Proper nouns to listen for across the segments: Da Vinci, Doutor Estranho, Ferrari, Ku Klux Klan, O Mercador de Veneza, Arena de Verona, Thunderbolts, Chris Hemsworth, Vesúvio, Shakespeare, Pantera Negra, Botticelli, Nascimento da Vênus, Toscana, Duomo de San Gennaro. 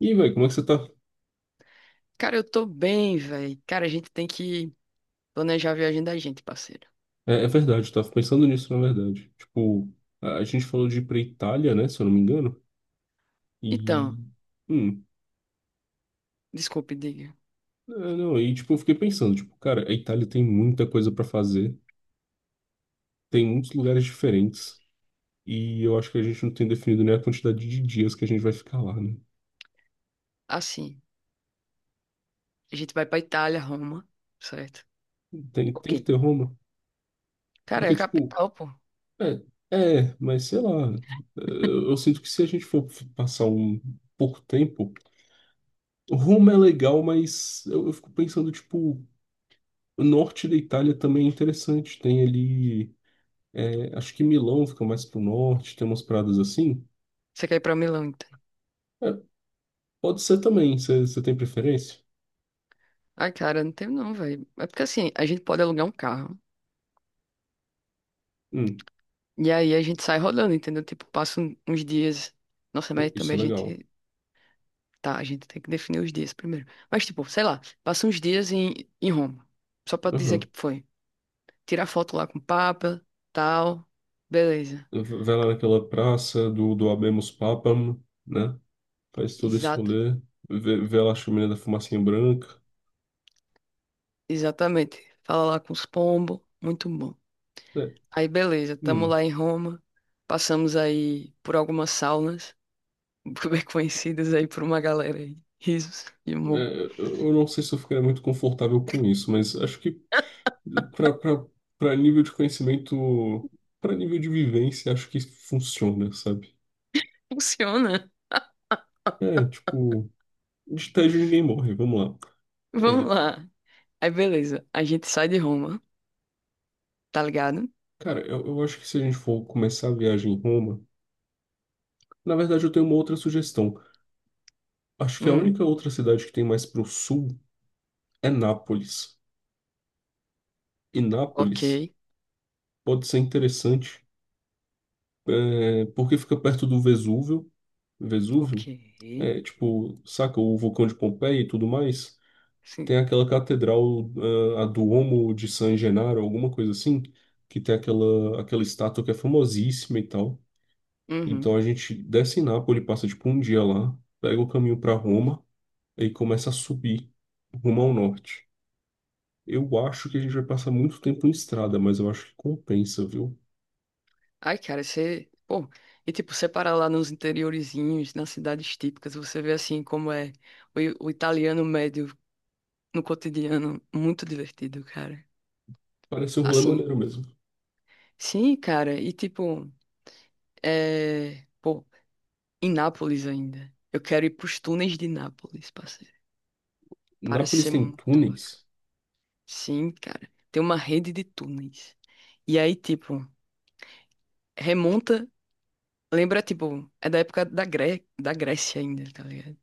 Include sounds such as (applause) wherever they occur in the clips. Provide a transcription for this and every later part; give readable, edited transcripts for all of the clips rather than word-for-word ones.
E, velho, como é que você tá? Cara, eu tô bem, velho. Cara, a gente tem que planejar a viagem da gente, parceiro. É, é verdade, eu tava pensando nisso, na verdade. Tipo, a gente falou de ir pra Itália, né, se eu não me engano. E. Então, Hum, desculpe, diga. é, não, e, tipo, eu fiquei pensando, tipo, cara, a Itália tem muita coisa pra fazer, tem muitos lugares diferentes. E eu acho que a gente não tem definido nem a quantidade de dias que a gente vai ficar lá, né? Assim, a gente vai pra Itália, Roma, certo? Tem, tem que Ok. ter Roma. Cara, é a Porque, tipo, capital, pô. é, é, mas sei lá. Eu sinto que se a gente for passar um pouco tempo. Roma é legal, mas eu fico pensando, tipo. O norte da Itália também é interessante. Tem ali, é, acho que Milão fica mais pro norte, tem umas pradas assim. Você quer ir pra Milão, então? É, pode ser também, você tem preferência? Ai, cara, não tem não, velho. É porque assim, a gente pode alugar um carro Hum, e aí a gente sai rodando, entendeu? Tipo, passa uns dias. Nossa, pô, mas isso também é a legal. gente. Tá, a gente tem que definir os dias primeiro. Mas, tipo, sei lá, passa uns dias em Roma. Só pra dizer Aham. que foi. Tirar foto lá com o Papa, tal. Beleza. Vai lá naquela praça do, do Habemus Papam, né? Faz todo esse Exato. rolê. Vê, vê lá a chaminé da fumacinha branca. Exatamente. Fala lá com os pombos. Muito bom. É, Aí, beleza. Tamo hum, lá em Roma. Passamos aí por algumas saunas, (laughs) bem conhecidas aí por uma galera aí. Risos e humor. é, eu não sei se eu ficaria muito confortável com isso, mas acho que para nível de conhecimento, para nível de vivência, acho que funciona, sabe? Funciona. É, tipo, de tédio ninguém morre, vamos lá. Vamos É, lá. Aí, beleza. A gente sai de Roma, tá ligado? cara, eu acho que se a gente for começar a viagem em Roma, na verdade eu tenho uma outra sugestão. Acho que a Hum, única outra cidade que tem mais pro sul é Nápoles. E ok. Nápoles pode ser interessante, é, porque fica perto do Vesúvio. Ok. Vesúvio, é, tipo, saca o vulcão de Pompeia e tudo mais? Sim. Tem aquela catedral, ah, a Duomo de San Gennaro, alguma coisa assim, que tem aquela estátua que é famosíssima e tal. Uhum. Então a gente desce em Nápoles, passa tipo um dia lá, pega o caminho para Roma e começa a subir rumo ao norte. Eu acho que a gente vai passar muito tempo em estrada, mas eu acho que compensa, viu? Ai, cara, você. Pô, e tipo, você para lá nos interiorizinhos, nas cidades típicas, você vê assim como é o, i- o italiano médio no cotidiano. Muito divertido, cara. Parece um rolê Assim. maneiro mesmo. Sim, cara, e tipo, é. Pô, em Nápoles ainda. Eu quero ir pros túneis de Nápoles, parceiro. Parece Nápoles ser tem muito bacana. túneis, Sim, cara. Tem uma rede de túneis. E aí, tipo, remonta. Lembra, tipo, é da época da Grécia ainda, tá ligado?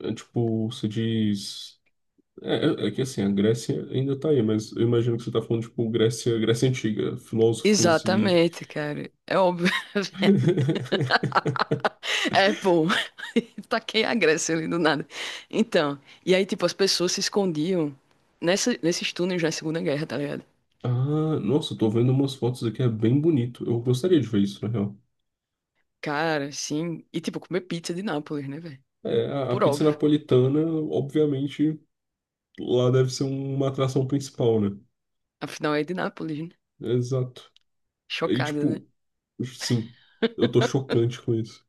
é tipo, você diz. É, é que assim, a Grécia ainda tá aí, mas eu imagino que você tá falando, tipo, Grécia, Grécia Antiga, filósofos e. Exatamente, cara. É óbvio. (laughs) (laughs) É pô, (laughs) taquei a Grécia ali do nada. Então, e aí, tipo, as pessoas se escondiam nesses túneis na Segunda Guerra, tá ligado? Ah, nossa, eu tô vendo umas fotos aqui, é bem bonito. Eu gostaria de ver isso, na real. Cara, sim. E, tipo, comer pizza de Nápoles, né, velho? É, a Por pizza óbvio. napolitana, obviamente, lá deve ser uma atração principal, né? Afinal, é de Nápoles, né? Exato. Aí, Chocada, né? tipo, sim, eu tô chocante com isso.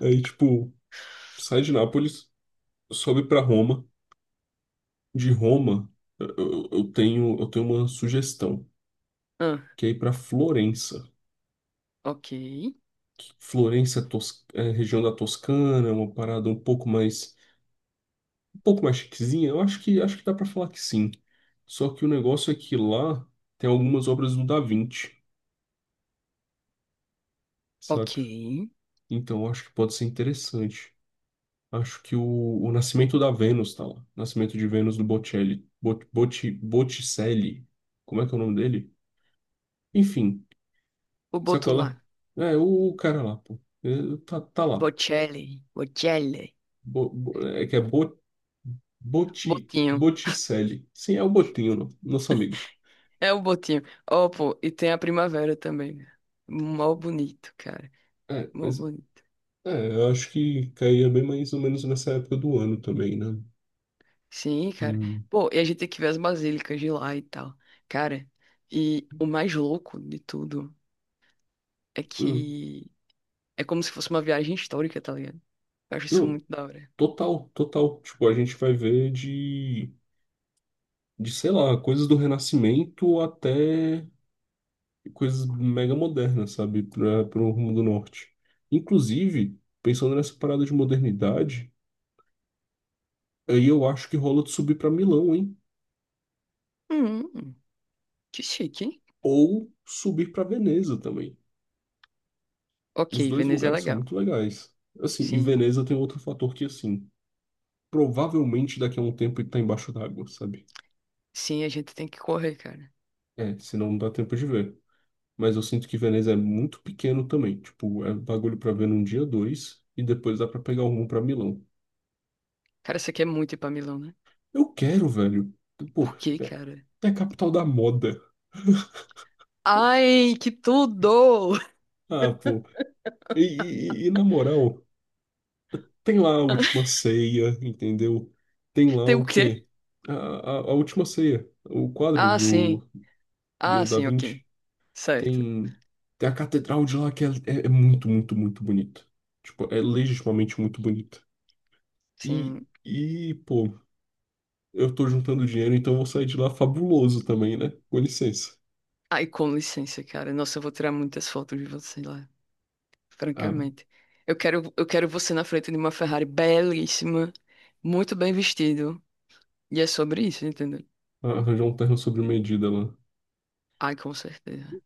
Aí, tipo, sai de Nápoles, sobe pra Roma. De Roma, eu tenho uma sugestão, Ah, que é ir pra Florença. ok. Florença é, é região da Toscana, uma parada um pouco mais chiquezinha. Eu acho que dá pra falar que sim. Só que o negócio é que lá tem algumas obras do Da Vinci. ok. Saca? Então, eu acho que pode ser interessante. Acho que o Nascimento da Vênus tá lá. Nascimento de Vênus do Botticelli. Botticelli. Como é que é o nome dele? Enfim, O boto sacola. lá. É, o cara lá, pô. É, tá, tá lá. Bocelli. Bocelli. Bo- bo- é que é Bo- Botti, Botinho. Botticelli. Sim, é o Botinho, nosso amigo. É o botinho. Ó, pô, e tem a primavera também, né? Mó bonito, cara. É, Mó mas bonito. é, eu acho que caía bem mais ou menos nessa época do ano também, né? Sim, cara. Hum. Pô, e a gente tem que ver as basílicas de lá e tal. Cara, e o mais louco de tudo é Hum. que é como se fosse uma viagem histórica, tá ligado? Eu acho isso Não, muito da hora. total, total. Tipo, a gente vai ver de. De, sei lá, coisas do Renascimento até coisas mega modernas, sabe, para o rumo do norte. Inclusive, pensando nessa parada de modernidade, aí eu acho que rola de subir para Milão, hein? Hum, que chique, hein? Ou subir para Veneza também. Ok, Os dois Veneza é lugares são legal. muito legais. Assim, e Sim. Veneza tem outro fator que, assim, provavelmente daqui a um tempo ele tá embaixo d'água, sabe? Sim, a gente tem que correr, cara. É, senão não dá tempo de ver. Mas eu sinto que Veneza é muito pequeno também. Tipo, é bagulho pra ver num dia dois e depois dá pra pegar o rumo pra Milão. Cara, você quer muito ir pra Milão, né? Eu quero, velho. Pô, Por quê, é cara? é a capital da moda. Ai, que tudo! Ah, pô. E, e na moral, tem lá a última ceia, entendeu? Tem (laughs) lá Tem o o quê? quê? A última ceia. O quadro Ah, sim. do, Ah, do Da sim, ok. Vinci. Certo. Tem, tem a catedral de lá que é, é muito, muito, muito bonito. Tipo, é legitimamente muito bonito. E, Sim. e, pô, eu tô juntando dinheiro, então eu vou sair de lá fabuloso também, né? Com licença. Ai, com licença, cara. Nossa, eu vou tirar muitas fotos de você lá. Ah, Francamente. Eu quero você na frente de uma Ferrari belíssima, muito bem vestido. E é sobre isso, entendeu? arranjar um terno sobre medida lá. Ai, com certeza.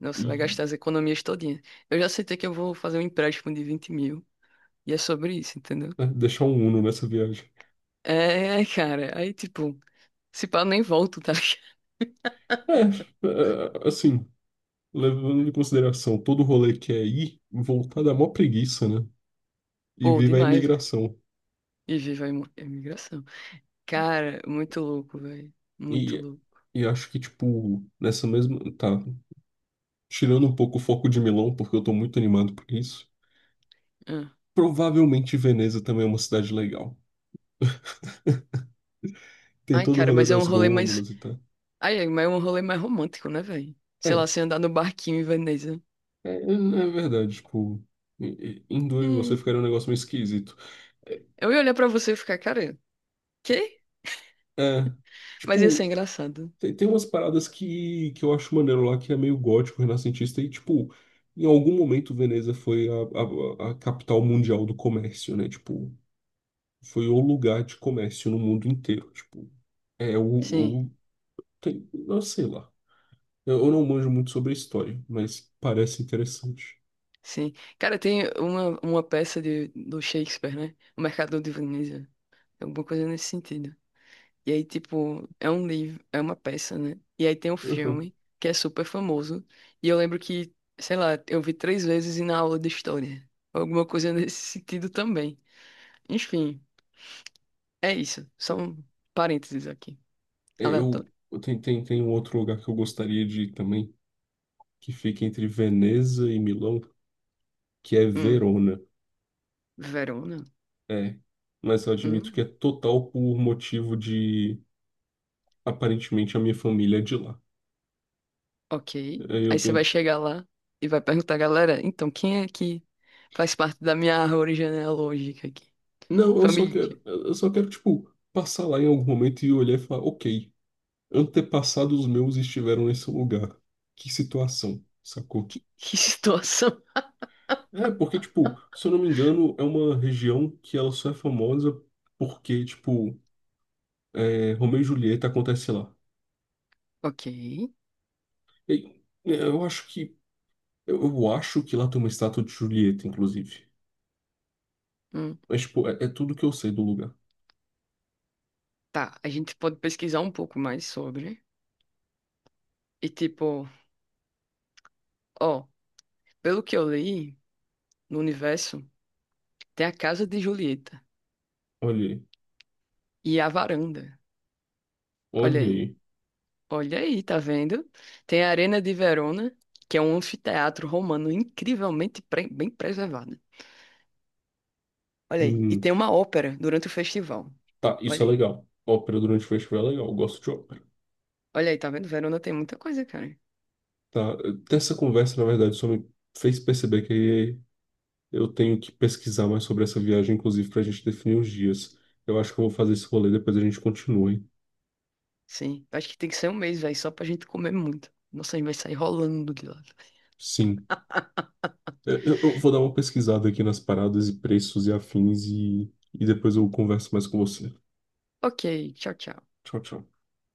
Nossa, vai E, gastar as economias todinhas. Eu já aceitei que eu vou fazer um empréstimo de 20 mil. E é sobre isso, entendeu? né, deixar um Uno nessa viagem. É, (laughs) cara. Aí, tipo, se pá, eu nem volto, tá ligado? (laughs) É, é, assim, levando em consideração todo o rolê que é ir, voltar dá mó preguiça, né? E Pô, viva a demais, velho. imigração. E viva a imigração. Cara, muito louco, velho. Muito E, louco. e acho que, tipo, nessa mesma. Tá, tirando um pouco o foco de Milão, porque eu tô muito animado por isso. Ah. Provavelmente Veneza também é uma cidade legal. Tem Ai, todo o cara, rolê mas é um das rolê mais. gôndolas e tal. Ai, é, mas é um rolê mais romântico, né, velho? Sei lá, É, você andar no barquinho em Veneza. é, é verdade, tipo. Em em dois você É. ficaria um negócio meio esquisito. Eu ia olhar pra você e ficar, cara, quê? É, Mas ia ser tipo, engraçado. tem, tem umas paradas que eu acho maneiro lá, que é meio gótico, renascentista, e, tipo, em algum momento Veneza foi a capital mundial do comércio, né? Tipo, foi o lugar de comércio no mundo inteiro. Tipo, é Sim, o. O tem, eu sei lá. Eu não manjo muito sobre a história, mas parece interessante. sim. Cara, tem uma peça de, do Shakespeare, né? O Mercador de Veneza. Alguma coisa nesse sentido. E aí, tipo, é um livro, é uma peça, né? E aí tem um Uhum. filme que é super famoso. E eu lembro que, sei lá, eu vi três vezes e na aula de história. Alguma coisa (laughs) nesse sentido também. Enfim, é isso. Só um parênteses aqui. É, eu, Aleatório. Tem um outro lugar que eu gostaria de ir também, que fica entre Veneza e Milão, que é Hum, Verona. Verona? É, mas eu admito que é Hum. total por motivo de aparentemente a minha família é de lá. Ok. Aí Aí eu você vai tenho. chegar lá e vai perguntar, galera, então quem é que faz parte da minha árvore genealógica aqui? Não, eu só Família. quero. Eu só quero, tipo, passar lá em algum momento e olhar e falar, ok, antepassados meus estiveram nesse lugar. Que situação, sacou? (laughs) Que situação. É, porque, tipo, se eu não me engano, é uma região que ela só é famosa porque, tipo, é, Romeu e Julieta acontece lá. Ok. E, é, eu acho que. Eu acho que lá tem uma estátua de Julieta, inclusive. Hum. Mas, tipo, é, é tudo que eu sei do lugar. Tá, a gente pode pesquisar um pouco mais sobre. E tipo, ó, pelo que eu li no universo, tem a casa de Julieta Olha aí. e a varanda. Olha Olha aí. aí. Olha aí, tá vendo? Tem a Arena de Verona, que é um anfiteatro romano incrivelmente bem preservado. Olha aí. E Hum, tem uma ópera durante o festival. tá, isso é Olha aí. legal. Ópera durante o festival é legal. Eu gosto de ópera. Olha aí, tá vendo? Verona tem muita coisa, cara. Tá, ter essa conversa, na verdade, só me fez perceber que eu tenho que pesquisar mais sobre essa viagem, inclusive, pra gente definir os dias. Eu acho que eu vou fazer esse rolê, depois a gente continua, hein? Sim. Acho que tem que ser um mês, velho, só pra gente comer muito. Nossa, a gente vai sair rolando de lá. Sim. Eu, eu vou dar uma pesquisada aqui nas paradas e preços e afins e depois eu converso mais com você. Ok, tchau, tchau. Tchau, tchau.